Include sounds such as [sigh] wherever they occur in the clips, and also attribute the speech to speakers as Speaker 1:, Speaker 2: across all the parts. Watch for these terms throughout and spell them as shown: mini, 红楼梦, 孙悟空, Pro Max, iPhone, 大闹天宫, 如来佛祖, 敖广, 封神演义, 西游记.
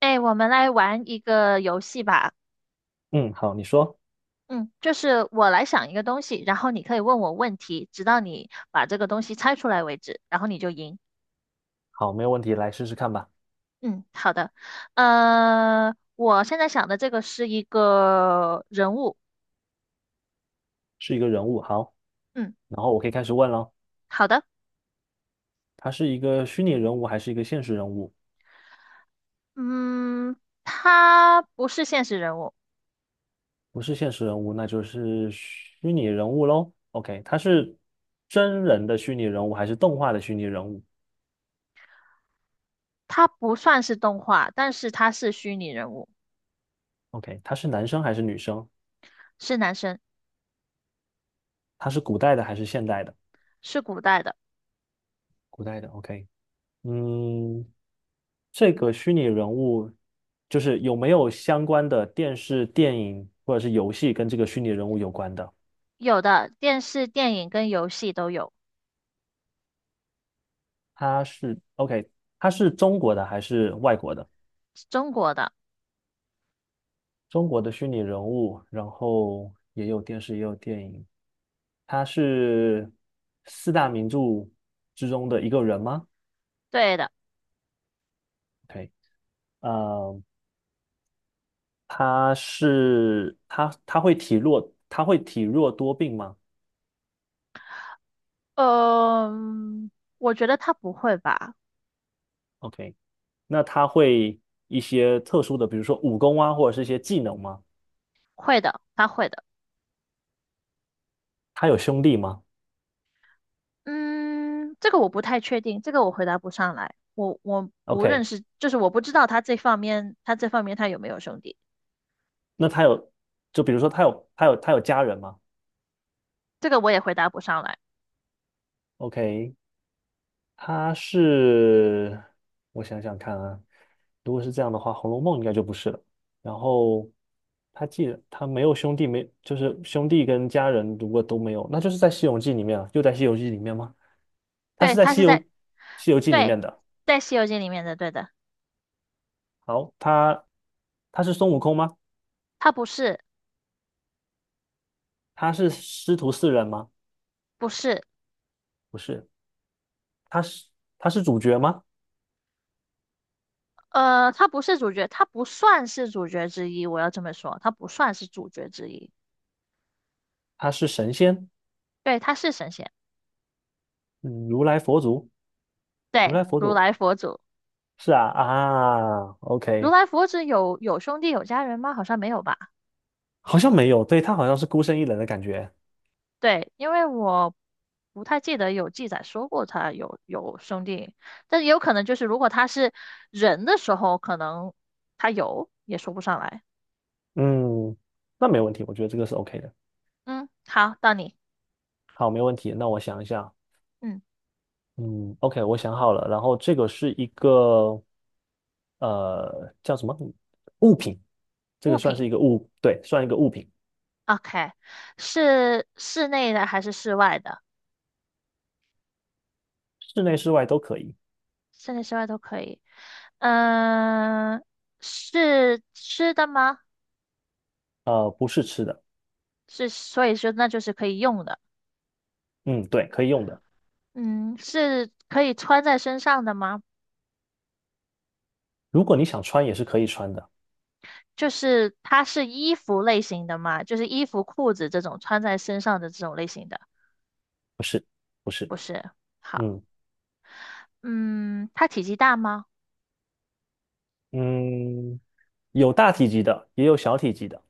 Speaker 1: 哎，我们来玩一个游戏吧。
Speaker 2: 嗯，好，你说。
Speaker 1: 嗯，就是我来想一个东西，然后你可以问我问题，直到你把这个东西猜出来为止，然后你就赢。
Speaker 2: 好，没有问题，来试试看吧。
Speaker 1: 嗯，好的。我现在想的这个是一个人物。
Speaker 2: 是一个人物，好，
Speaker 1: 嗯，
Speaker 2: 然后我可以开始问了。
Speaker 1: 好的。
Speaker 2: 他是一个虚拟人物还是一个现实人物？
Speaker 1: 嗯，他不是现实人物，
Speaker 2: 不是现实人物，那就是虚拟人物喽。OK，他是真人的虚拟人物还是动画的虚拟人物
Speaker 1: 他不算是动画，但是他是虚拟人物，
Speaker 2: ？OK，他是男生还是女生？
Speaker 1: 是男生，
Speaker 2: 他是古代的还是现代的？
Speaker 1: 是古代的，
Speaker 2: 古代的，OK。嗯，这个虚拟人物就是有没有相关的电视、电影或者是游戏跟这个虚拟人物有关的？
Speaker 1: 有的电视、电影跟游戏都有，
Speaker 2: 他是 OK,他是中国的还是外国的？
Speaker 1: 中国的，
Speaker 2: 中国的虚拟人物，然后也有电视，也有电影。他是四大名著之中的一个人吗
Speaker 1: 对的。
Speaker 2: ？OK,呃，他是他会体弱，他会体弱多病吗
Speaker 1: 嗯，我觉得他不会吧？
Speaker 2: ？OK，那他会一些特殊的，比如说武功啊，或者是一些技能吗？
Speaker 1: 会的，他会的。
Speaker 2: 他有兄弟吗
Speaker 1: 嗯，这个我不太确定，这个我回答不上来。我不认
Speaker 2: ？OK，
Speaker 1: 识，就是我不知道他这方面，他这方面他有没有兄弟，
Speaker 2: 那他有，就比如说他有家人吗
Speaker 1: 这个我也回答不上来。
Speaker 2: ？OK，他是，我想想看啊，如果是这样的话，《红楼梦》应该就不是了。然后他既然他没有兄弟，没就是兄弟跟家人如果都没有，那就是在《西游记》里面啊，又在《西游记》里面吗？他
Speaker 1: 对，
Speaker 2: 是在
Speaker 1: 他是在，
Speaker 2: 西游记》里
Speaker 1: 对，
Speaker 2: 面的。
Speaker 1: 在《西游记》里面的，对的，
Speaker 2: 好，他他是孙悟空吗？
Speaker 1: 他不是，
Speaker 2: 他是师徒四人吗？
Speaker 1: 不是，
Speaker 2: 不是，他是他是主角吗？
Speaker 1: 他不是主角，他不算是主角之一，我要这么说，他不算是主角之一。
Speaker 2: 他是神仙，
Speaker 1: 对，他是神仙，
Speaker 2: 嗯如来佛祖，如
Speaker 1: 对，
Speaker 2: 来佛
Speaker 1: 如
Speaker 2: 祖
Speaker 1: 来佛祖。
Speaker 2: 是啊
Speaker 1: 如
Speaker 2: ，OK。
Speaker 1: 来佛指有兄弟有家人吗？好像没有吧？
Speaker 2: 好像没有，对，他好像是孤身一人的感觉。
Speaker 1: 对，因为我不太记得有记载说过他有兄弟，但也有可能就是如果他是人的时候，可能他有也说不上来。
Speaker 2: 嗯，那没问题，我觉得这个是 OK 的。
Speaker 1: 嗯，好，到你。
Speaker 2: 好，没问题。那我想一下。
Speaker 1: 嗯，
Speaker 2: 嗯，OK,我想好了。然后这个是一个呃叫什么物品，这
Speaker 1: 物
Speaker 2: 个算是
Speaker 1: 品
Speaker 2: 一个物，对，算一个物品。
Speaker 1: ，OK,是室内的还是室外的？
Speaker 2: 室内室外都可以。
Speaker 1: 室内室外都可以。嗯、是吃的吗？
Speaker 2: 不是吃的。
Speaker 1: 是，所以说那就是可以用的。
Speaker 2: 嗯，对，可以用的。
Speaker 1: 嗯，是可以穿在身上的吗？
Speaker 2: 如果你想穿也是可以穿的。
Speaker 1: 就是它是衣服类型的嘛，就是衣服、裤子这种穿在身上的这种类型的，
Speaker 2: 不是，不是。
Speaker 1: 不是？好，
Speaker 2: 嗯
Speaker 1: 嗯，它体积大吗？
Speaker 2: 嗯，有大体积的，也有小体积的，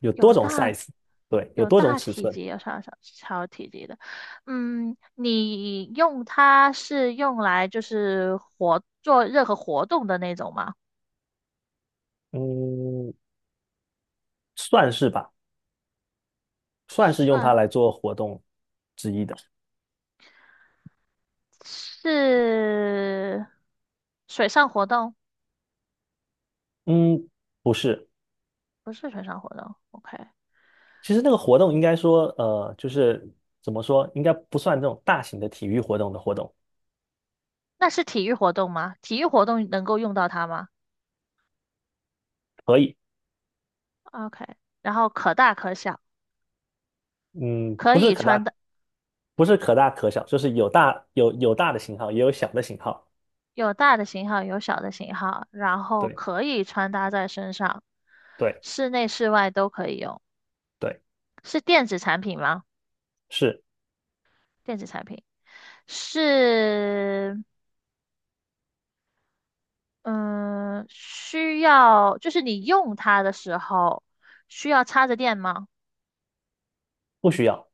Speaker 2: 有多
Speaker 1: 有
Speaker 2: 种
Speaker 1: 大
Speaker 2: size,对，有
Speaker 1: 有
Speaker 2: 多种
Speaker 1: 大
Speaker 2: 尺
Speaker 1: 体
Speaker 2: 寸。
Speaker 1: 积，有小体积的。嗯，你用它是用来就是活做任何活动的那种吗？
Speaker 2: 嗯，算是吧，算是用它
Speaker 1: 算
Speaker 2: 来做活动之一的。
Speaker 1: 是水上活动，
Speaker 2: 嗯，不是。
Speaker 1: 不是水上活动。OK,
Speaker 2: 其实那个活动应该说，就是怎么说，应该不算这种大型的体育活动的活动。
Speaker 1: 那是体育活动吗？体育活动能够用到它吗？
Speaker 2: 可以。
Speaker 1: OK,然后可大可小，
Speaker 2: 嗯，
Speaker 1: 可以穿的
Speaker 2: 不是可大可小，就是有大有大的型号，也有小的型号。
Speaker 1: 有大的型号，有小的型号，然后
Speaker 2: 对
Speaker 1: 可以穿搭在身上，
Speaker 2: 对
Speaker 1: 室内室外都可以用。
Speaker 2: 对，
Speaker 1: 是电子产品吗？
Speaker 2: 是。
Speaker 1: 电子产品是，嗯，需要就是你用它的时候需要插着电吗？
Speaker 2: 不需要。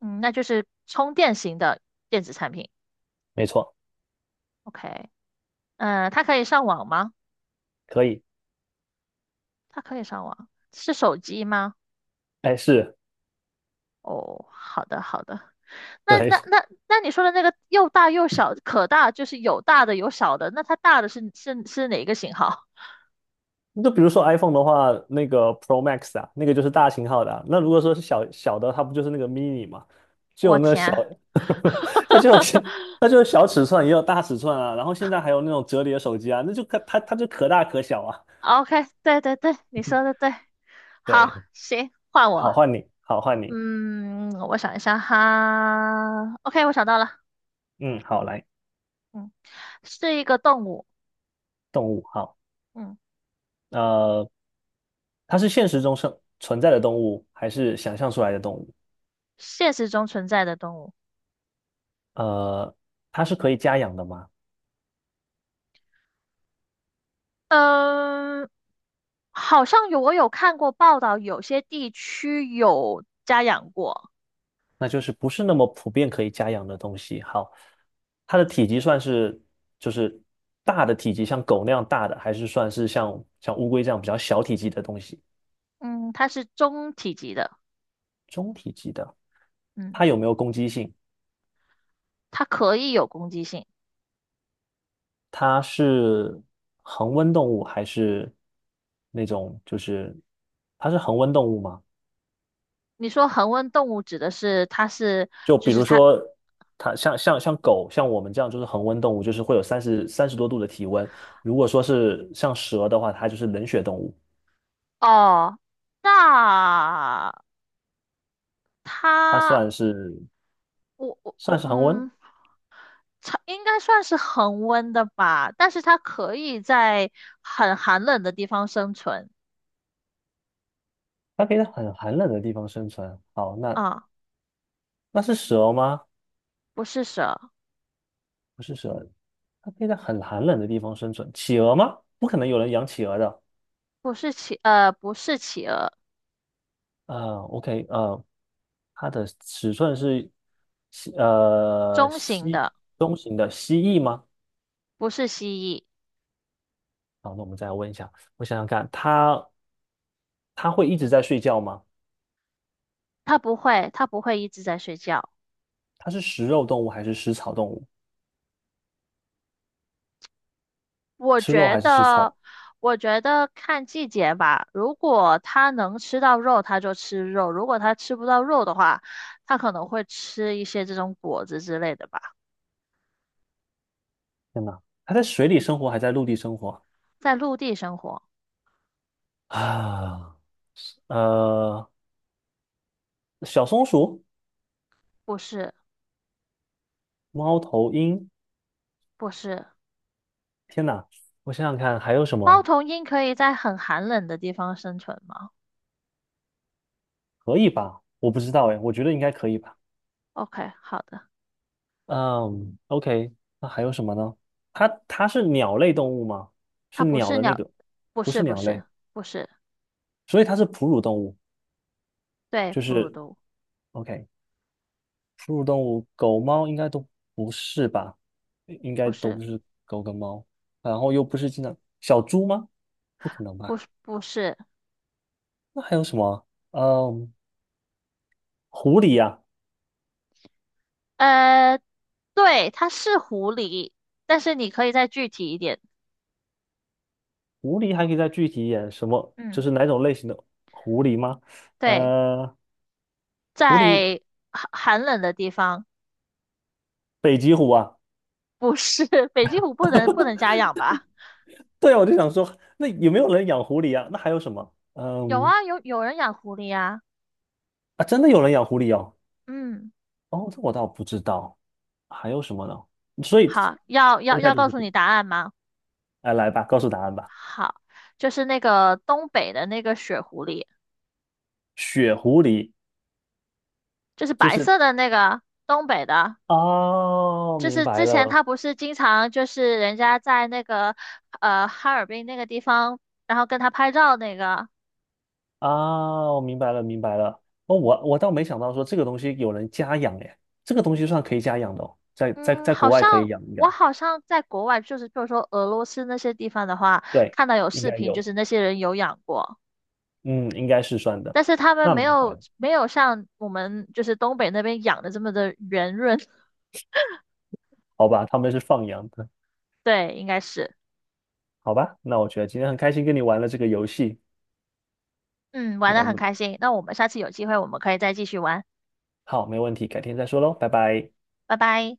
Speaker 1: 嗯，那就是充电型的电子产品。
Speaker 2: 没错。
Speaker 1: OK,嗯，它可以上网吗？
Speaker 2: 可以。
Speaker 1: 它可以上网，是手机吗？
Speaker 2: 哎，是。
Speaker 1: 哦，好的好的。那
Speaker 2: 对，
Speaker 1: 那那那你说的那个又大又小，可大就是有大的有小的，那它大的是哪个型号？
Speaker 2: 就比如说 iPhone 的话，那个 Pro Max 啊，那个就是大型号的啊。那如果说是小小的，它不就是那个 mini 嘛？就
Speaker 1: 我
Speaker 2: 有那呵小，
Speaker 1: 天 [laughs]
Speaker 2: [laughs] 它就有小它就有小尺寸，也有大尺寸啊。然后现在还有那种折叠手机啊，那就可它它就可大可小啊。
Speaker 1: ，OK,对对对，你说的对，好，
Speaker 2: 对，
Speaker 1: 行，换
Speaker 2: 好
Speaker 1: 我，
Speaker 2: 换你，好换你。
Speaker 1: 嗯，我想一下哈，OK,我想到了，
Speaker 2: 嗯，好来。
Speaker 1: 嗯，是一个动物，
Speaker 2: 动物好。
Speaker 1: 嗯，
Speaker 2: 呃，它是现实中生存在的动物还是想象出来的动物？
Speaker 1: 现实中存在的动物，
Speaker 2: 呃，它是可以家养的吗？
Speaker 1: 嗯，好像有我有看过报道，有些地区有家养过，
Speaker 2: 那就是不是那么普遍可以家养的东西。好，它的体积算是就是大的体积，像狗那样大的，还是算是像乌龟这样比较小体积的东西？
Speaker 1: 嗯，它是中体积的。嗯，
Speaker 2: 它有没有攻击性？
Speaker 1: 它可以有攻击性。
Speaker 2: 它是恒温动物还是那种就是它是恒温动物吗？
Speaker 1: 你说恒温动物指的是它是，
Speaker 2: 就
Speaker 1: 就
Speaker 2: 比
Speaker 1: 是
Speaker 2: 如
Speaker 1: 它
Speaker 2: 说它像狗像我们这样就是恒温动物，就是会有三十多度的体温。如果说是像蛇的话，它就是冷血动物。
Speaker 1: 哦，那
Speaker 2: 它
Speaker 1: 它
Speaker 2: 算是。
Speaker 1: 我我
Speaker 2: 算
Speaker 1: 我
Speaker 2: 是恒温，
Speaker 1: 嗯，它应该算是恒温的吧，但是它可以在很寒冷的地方生存
Speaker 2: 它可以在很寒冷的地方生存。好，那
Speaker 1: 啊，
Speaker 2: 那是蛇吗？
Speaker 1: 不是蛇，
Speaker 2: 不是蛇，它可以在很寒冷的地方生存。企鹅吗？不可能有人养企鹅的。
Speaker 1: 不是企不是企鹅，
Speaker 2: 呃，OK，呃，它的尺寸是西呃
Speaker 1: 中型
Speaker 2: 西
Speaker 1: 的，
Speaker 2: 中型的蜥蜴吗？
Speaker 1: 不是蜥蜴，
Speaker 2: 好，那我们再问一下。我想想看，它它会一直在睡觉吗？
Speaker 1: 它不会一直在睡觉。
Speaker 2: 它是食肉动物还是食草动物？
Speaker 1: 我
Speaker 2: 吃肉
Speaker 1: 觉
Speaker 2: 还是吃
Speaker 1: 得，
Speaker 2: 草？
Speaker 1: 我觉得看季节吧。如果它能吃到肉，它就吃肉；如果它吃不到肉的话，它可能会吃一些这种果子之类的吧。
Speaker 2: 天哪，它在水里生活还在陆地生活
Speaker 1: 在陆地生活，
Speaker 2: 啊？呃，小松鼠、
Speaker 1: 不是，
Speaker 2: 猫头鹰。
Speaker 1: 不是。
Speaker 2: 天哪！我想想看还有什
Speaker 1: 猫
Speaker 2: 么。
Speaker 1: 头鹰可以在很寒冷的地方生存吗
Speaker 2: 可以吧？我不知道哎，我觉得应该可以吧。
Speaker 1: ？OK,好的。
Speaker 2: 嗯，OK,那还有什么呢？它它是鸟类动物吗？是
Speaker 1: 它不
Speaker 2: 鸟
Speaker 1: 是
Speaker 2: 的那
Speaker 1: 鸟，
Speaker 2: 个。
Speaker 1: 不
Speaker 2: 不
Speaker 1: 是，
Speaker 2: 是
Speaker 1: 不
Speaker 2: 鸟
Speaker 1: 是，
Speaker 2: 类。
Speaker 1: 不是。
Speaker 2: 所以它是哺乳动物，
Speaker 1: 对，
Speaker 2: 就
Speaker 1: 哺乳
Speaker 2: 是
Speaker 1: 动物，
Speaker 2: OK,哺乳动物，狗猫应该都不是吧？应
Speaker 1: 不
Speaker 2: 该都
Speaker 1: 是，
Speaker 2: 不是狗跟猫，然后又不是经常。小猪吗？不可能
Speaker 1: 不
Speaker 2: 吧？
Speaker 1: 是，不是。
Speaker 2: 那还有什么啊？嗯，狐狸呀、
Speaker 1: 呃，对，它是狐狸，但是你可以再具体一点。
Speaker 2: 狐狸还可以再具体一点，什么就
Speaker 1: 嗯。
Speaker 2: 是哪种类型的狐狸吗？
Speaker 1: 对，
Speaker 2: 呃，狐狸。
Speaker 1: 在寒寒冷的地方，
Speaker 2: 北极狐啊。
Speaker 1: 不是 [laughs] 北极狐不能家养吧？
Speaker 2: 对，啊，我就想说，那有没有人养狐狸啊？那还有什么？
Speaker 1: 有
Speaker 2: 嗯，
Speaker 1: 啊，有人养狐狸啊。
Speaker 2: 啊，真的有人养狐狸哦。
Speaker 1: 嗯，
Speaker 2: 哦，这我倒不知道。还有什么呢？所以，
Speaker 1: 好，要
Speaker 2: 而
Speaker 1: 要
Speaker 2: 且太
Speaker 1: 要
Speaker 2: 就是
Speaker 1: 告诉
Speaker 2: 狐，
Speaker 1: 你答案吗？
Speaker 2: 哎，来吧，告诉答案吧。
Speaker 1: 好，就是那个东北的那个雪狐狸，
Speaker 2: 雪狐狸
Speaker 1: 就是
Speaker 2: 就
Speaker 1: 白
Speaker 2: 是，
Speaker 1: 色的那个东北的，
Speaker 2: 哦，
Speaker 1: 就
Speaker 2: 明
Speaker 1: 是
Speaker 2: 白
Speaker 1: 之前
Speaker 2: 了。
Speaker 1: 他不是经常就是人家在那个哈尔滨那个地方，然后跟他拍照那个。
Speaker 2: 啊，我明白了，明白了。哦，我我倒没想到说这个东西有人家养哎，这个东西算可以家养的哦，在在
Speaker 1: 嗯，
Speaker 2: 在国
Speaker 1: 好
Speaker 2: 外可以
Speaker 1: 像
Speaker 2: 养，应该
Speaker 1: 我好像在国外，就是就是说俄罗斯那些地方的话，
Speaker 2: 对，
Speaker 1: 看到有
Speaker 2: 应
Speaker 1: 视
Speaker 2: 该
Speaker 1: 频，就
Speaker 2: 有。
Speaker 1: 是那些人有养过，
Speaker 2: 嗯，应该是算的。
Speaker 1: 但是他们
Speaker 2: 那
Speaker 1: 没
Speaker 2: 明白
Speaker 1: 有
Speaker 2: 了，
Speaker 1: 没有像我们就是东北那边养的这么的圆润。
Speaker 2: 好吧，他们是放羊的。
Speaker 1: [laughs] 对，应该是。
Speaker 2: 好吧。那我觉得今天很开心跟你玩了这个游戏。
Speaker 1: 嗯，玩
Speaker 2: 那
Speaker 1: 的
Speaker 2: 我
Speaker 1: 很
Speaker 2: 们
Speaker 1: 开心。那我们下次有机会，我们可以再继续玩。
Speaker 2: 好，没问题，改天再说喽，拜拜。
Speaker 1: 拜拜。